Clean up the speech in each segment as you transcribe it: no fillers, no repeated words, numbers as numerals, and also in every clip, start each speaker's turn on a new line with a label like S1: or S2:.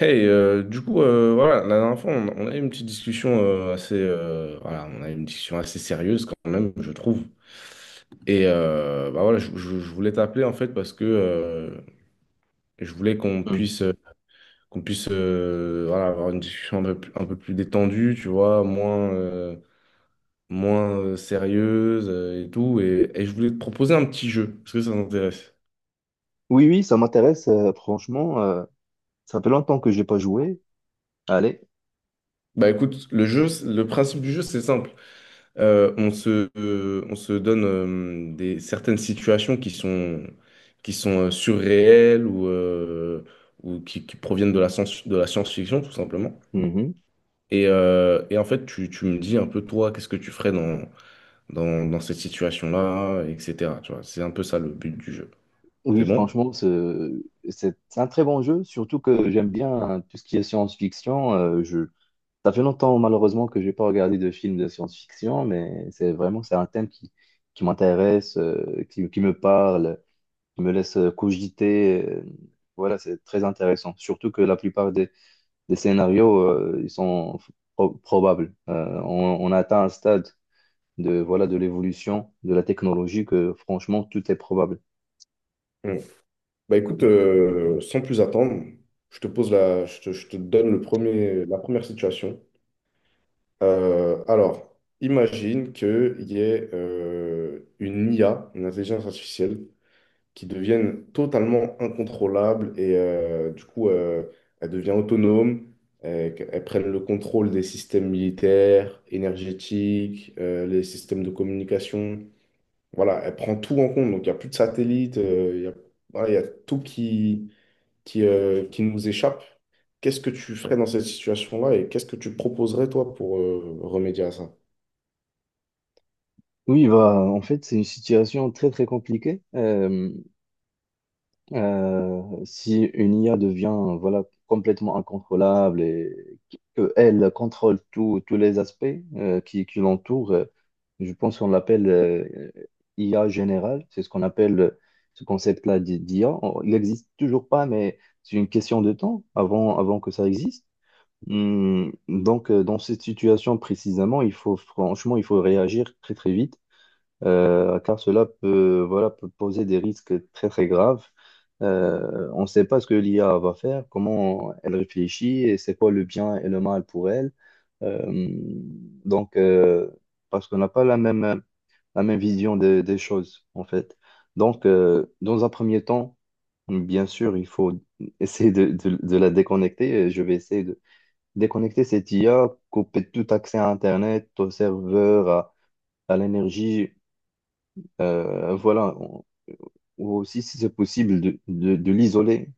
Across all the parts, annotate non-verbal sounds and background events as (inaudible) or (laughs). S1: Hey, du coup, voilà, la dernière fois, on a eu une petite discussion voilà, on a eu une discussion assez sérieuse quand même, je trouve. Et bah voilà, je voulais t'appeler en fait parce que je voulais
S2: Hmm.
S1: qu'on puisse, voilà, avoir une discussion un peu plus détendue, tu vois, moins, moins sérieuse et tout. Et, je voulais te proposer un petit jeu. Est-ce que ça t'intéresse?
S2: Oui, oui, ça m'intéresse, franchement. Ça fait longtemps que j'ai pas joué. Allez.
S1: Bah écoute, le jeu, le principe du jeu, c'est simple. On se donne certaines situations qui sont surréelles ou qui proviennent de la science-fiction, tout simplement.
S2: Mhm.
S1: Et, en fait, tu me dis un peu, toi, qu'est-ce que tu ferais dans cette situation-là, etc. Tu vois, c'est un peu ça le but du jeu. C'est
S2: Oui,
S1: bon?
S2: franchement, c'est un très bon jeu, surtout que j'aime bien hein, tout ce qui est science-fiction. Ça fait longtemps, malheureusement, que j'ai pas regardé de films de science-fiction, mais c'est vraiment, c'est un thème qui m'intéresse, qui me parle, qui me laisse cogiter. Voilà, c'est très intéressant. Surtout que la plupart des scénarios, ils sont probables. On a atteint un stade de voilà de l'évolution de la technologie que franchement tout est probable.
S1: Mm. Bah écoute, sans plus attendre, je te donne la première situation. Alors, imagine qu'il y ait une IA, une intelligence artificielle, qui devienne totalement incontrôlable et du coup, elle devient autonome, qu'elle prenne le contrôle des systèmes militaires, énergétiques, les systèmes de communication. Voilà, elle prend tout en compte. Donc, il n'y a plus de satellites, voilà, il y a tout qui nous échappe. Qu'est-ce que tu ferais dans cette situation-là et qu'est-ce que tu proposerais, toi, pour remédier à ça?
S2: Oui, bah, en fait, c'est une situation très très compliquée. Si une IA devient voilà complètement incontrôlable et qu'elle contrôle tous les aspects qui l'entourent, je pense qu'on l'appelle IA générale. C'est ce qu'on appelle ce concept-là d'IA. Il n'existe toujours pas, mais c'est une question de temps avant, avant que ça existe. Hmm. Donc, dans cette situation précisément, il faut franchement, il faut réagir très très vite, car cela peut, voilà, peut poser des risques très très graves. On ne sait pas ce que l'IA va faire, comment elle réfléchit et c'est quoi le bien et le mal pour elle. Euh, donc, parce qu'on n'a pas la même, la même vision des choses, en fait. Donc, dans un premier temps, bien sûr, il faut essayer de, de la déconnecter. Je vais essayer de déconnecter cette IA, couper tout accès à Internet, au serveur, à l'énergie, voilà. Ou aussi, si c'est possible, de, de l'isoler,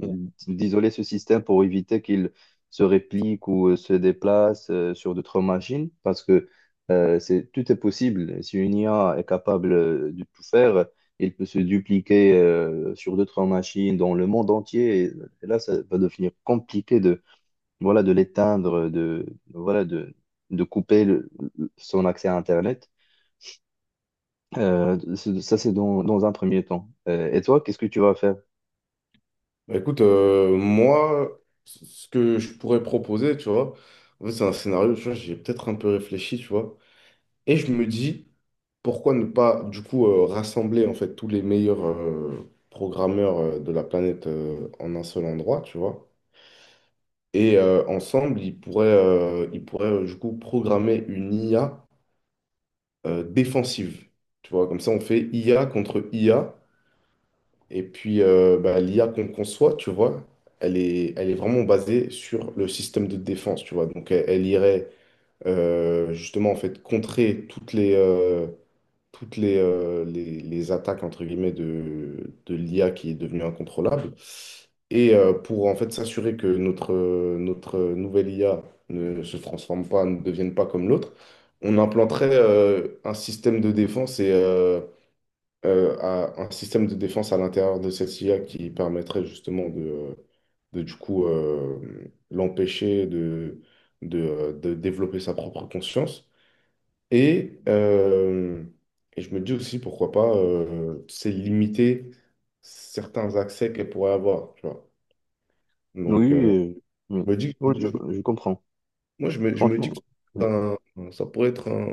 S1: Bah,
S2: d'isoler ce système pour éviter qu'il se réplique ou se déplace sur d'autres machines, parce que c'est, tout est possible. Si une IA est capable de tout faire, il peut se dupliquer sur d'autres machines dans le monde entier, et là, ça va devenir compliqué voilà, de l'éteindre, de, voilà, de couper son accès à Internet. Ça, c'est dans, dans un premier temps. Et toi, qu'est-ce que tu vas faire?
S1: écoute, moi, ce que je pourrais proposer, tu vois, en fait, c'est un scénario, tu vois, j'ai peut-être un peu réfléchi, tu vois, et je me dis, pourquoi ne pas, du coup, rassembler, en fait, tous les meilleurs programmeurs de la planète en un seul endroit, tu vois, et ensemble, ils pourraient, du coup, programmer une IA défensive, tu vois, comme ça, on fait IA contre IA. Et puis, bah, l'IA qu'on conçoit, tu vois, elle est vraiment basée sur le système de défense, tu vois. Donc, elle irait justement, en fait, contrer les attaques, entre guillemets, de l'IA qui est devenue incontrôlable. Et pour, en fait, s'assurer que notre nouvelle IA ne se transforme pas, ne devienne pas comme l'autre, on implanterait un système de défense à l'intérieur de cette IA qui permettrait justement de l'empêcher de développer sa propre conscience. Et, euh, et, je me dis aussi, pourquoi pas, c'est limiter certains accès qu'elle pourrait avoir, tu vois. Donc,
S2: Oui, oui.
S1: je me dis,
S2: Oui,
S1: je-
S2: je comprends.
S1: moi, je me dis
S2: Franchement,
S1: que
S2: oui.
S1: c'est un- ça pourrait être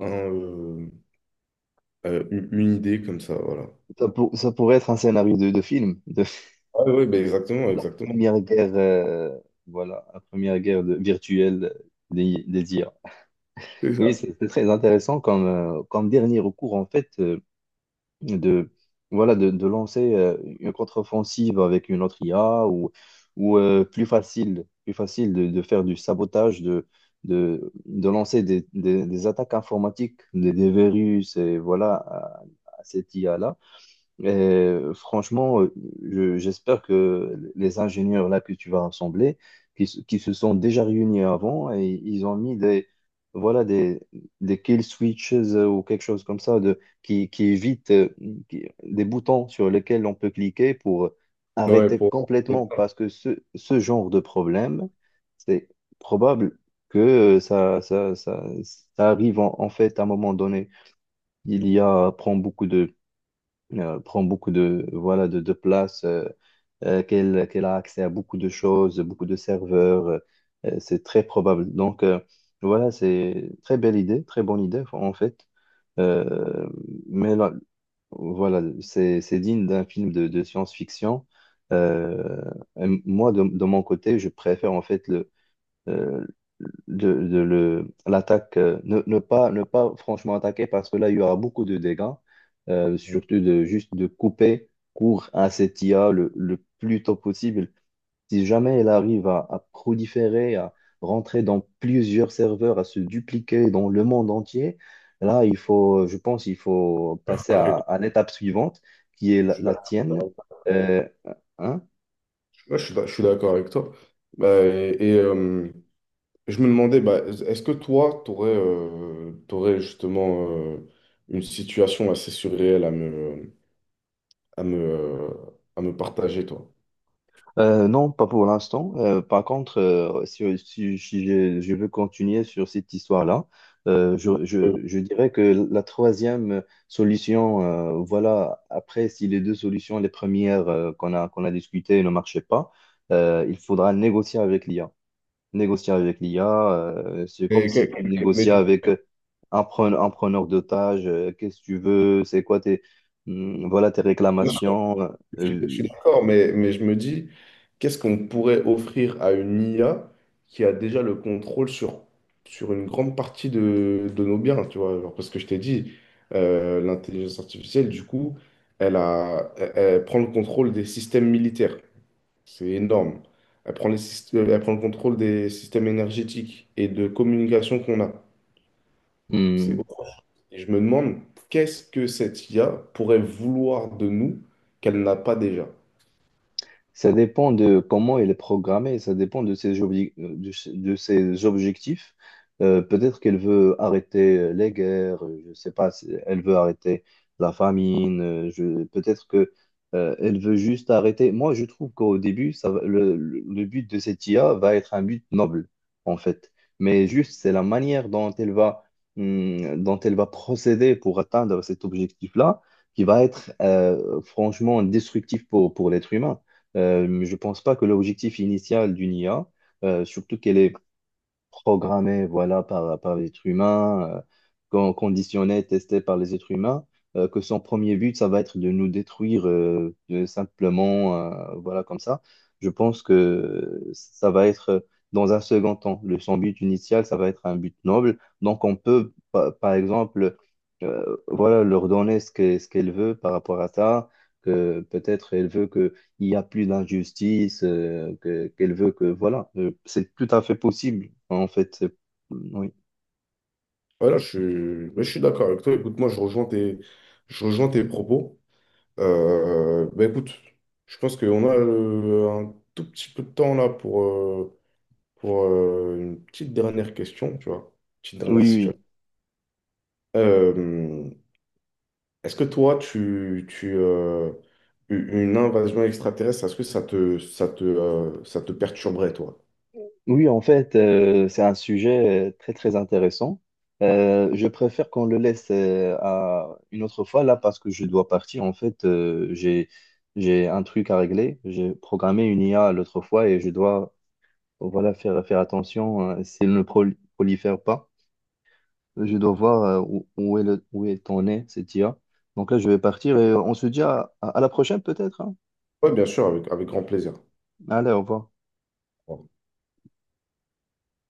S1: un, une idée comme ça, voilà.
S2: Ça, ça pourrait être un scénario de film, de (laughs)
S1: Ah oui, ben exactement,
S2: la
S1: exactement.
S2: première guerre, voilà, la première guerre virtuelle des IA. Oui, c'est très intéressant comme, comme dernier recours, en fait. De voilà de lancer une contre-offensive avec une autre IA ou plus facile de faire du sabotage de lancer des attaques informatiques des virus et voilà à cette IA-là et franchement, j'espère que les ingénieurs là que tu vas rassembler, qui se sont déjà réunis avant et ils ont mis des, voilà, des kill switches ou quelque chose comme ça de, qui évite des boutons sur lesquels on peut cliquer pour
S1: Ouais,
S2: arrêter complètement parce que ce genre de problème, c'est probable que euh, ça, ça, ça, ça arrive en, en fait à un moment donné. Il y a, prend beaucoup de, voilà, de place, qu'elle, qu'elle a accès à beaucoup de choses, beaucoup de serveurs. C'est très probable. Donc, voilà, c'est très belle idée, très bonne idée, en fait. Euh, mais là, voilà, c'est digne d'un film de science-fiction. Euh, et moi, de mon côté, je préfère, en fait, euh, de le, l'attaque, ne, ne pas, ne pas franchement attaquer parce que là, il y aura beaucoup de dégâts,
S1: Mm.
S2: surtout de juste de couper court à cette IA le plus tôt possible. Si jamais elle arrive à proliférer, à rentrer dans plusieurs serveurs, à se dupliquer dans le monde entier, là, il faut, je pense, il faut passer à l'étape suivante qui est
S1: Je
S2: la,
S1: suis
S2: la
S1: d'accord.
S2: tienne. Euh, hein.
S1: Ouais, je suis d'accord avec toi. Bah, et, je me demandais, bah, est-ce que toi, tu aurais, justement une situation assez surréelle à me, à me, euh, à me partager, toi?
S2: Non, pas pour l'instant. Par contre, si, si je, je veux continuer sur cette histoire-là, je,
S1: Euh,
S2: je dirais que la troisième solution, voilà, après, si les deux solutions, les premières qu'on a, qu'on a discutées ne marchaient pas, il faudra négocier avec l'IA. Négocier avec l'IA, c'est comme
S1: mais,
S2: si tu
S1: mais-
S2: négociais
S1: mais-
S2: avec un preneur d'otage, qu'est-ce que tu veux, c'est quoi tes, voilà, tes réclamations.
S1: je suis
S2: euh,
S1: d'accord, mais je me dis, qu'est-ce qu'on pourrait offrir à une IA qui a déjà le contrôle sur une grande partie de nos biens, tu vois? Genre, parce que je t'ai dit, l'intelligence artificielle, du coup, elle prend le contrôle des systèmes militaires. C'est énorme. Elle prend le contrôle des systèmes énergétiques et de communication qu'on a. C'est
S2: hum,
S1: Et je me demande, qu'est-ce que cette IA pourrait vouloir de nous qu'elle n'a pas déjà?
S2: Ça dépend de comment il est programmé, ça dépend de ses, de, ses de ses objectifs. Peut-être qu'elle veut arrêter les guerres, je ne sais pas, si elle veut arrêter la famine, peut-être que, elle veut juste arrêter. Moi, je trouve qu'au début, le but de cette IA va être un but noble, en fait. Mais juste, c'est la manière dont elle va, dont elle va procéder pour atteindre cet objectif-là qui va être, franchement, destructif pour l'être humain. Je pense pas que l'objectif initial d'une IA, surtout qu'elle est programmée voilà, par, par l'être humain, conditionnée, testée par les êtres humains, que son premier but, ça va être de nous détruire simplement, voilà, comme ça. Je pense que ça va être, dans un second temps, le, son but initial, ça va être un but noble. Donc, on peut, par exemple, voilà, leur donner ce qu'elle veut par rapport à ça, que peut-être elle veut que il n'y a plus d'injustice, qu'elle veut que, voilà, c'est tout à fait possible, en fait. Oui,
S1: Voilà, mais je suis d'accord avec toi. Écoute, moi, je rejoins tes propos. Bah, écoute, je pense qu'on a un tout petit peu de temps là pour, une petite dernière question, tu vois. Petite
S2: oui,
S1: dernière situation.
S2: oui.
S1: Euh, Est-ce que toi, une invasion extraterrestre, est-ce que ça te perturberait, toi?
S2: Oui, en fait, c'est un sujet très, très intéressant. Je préfère qu'on le laisse à une autre fois, là, parce que je dois partir. En fait, j'ai un truc à régler. J'ai programmé une IA l'autre fois et je dois, voilà, faire, faire attention, si elle ne prolifère pas. Je dois voir où, où est le, où est ton nez, cette IA. Donc là, je vais partir et on se dit à la prochaine peut-être, hein.
S1: Oui, bien sûr, avec grand plaisir.
S2: Allez, au revoir.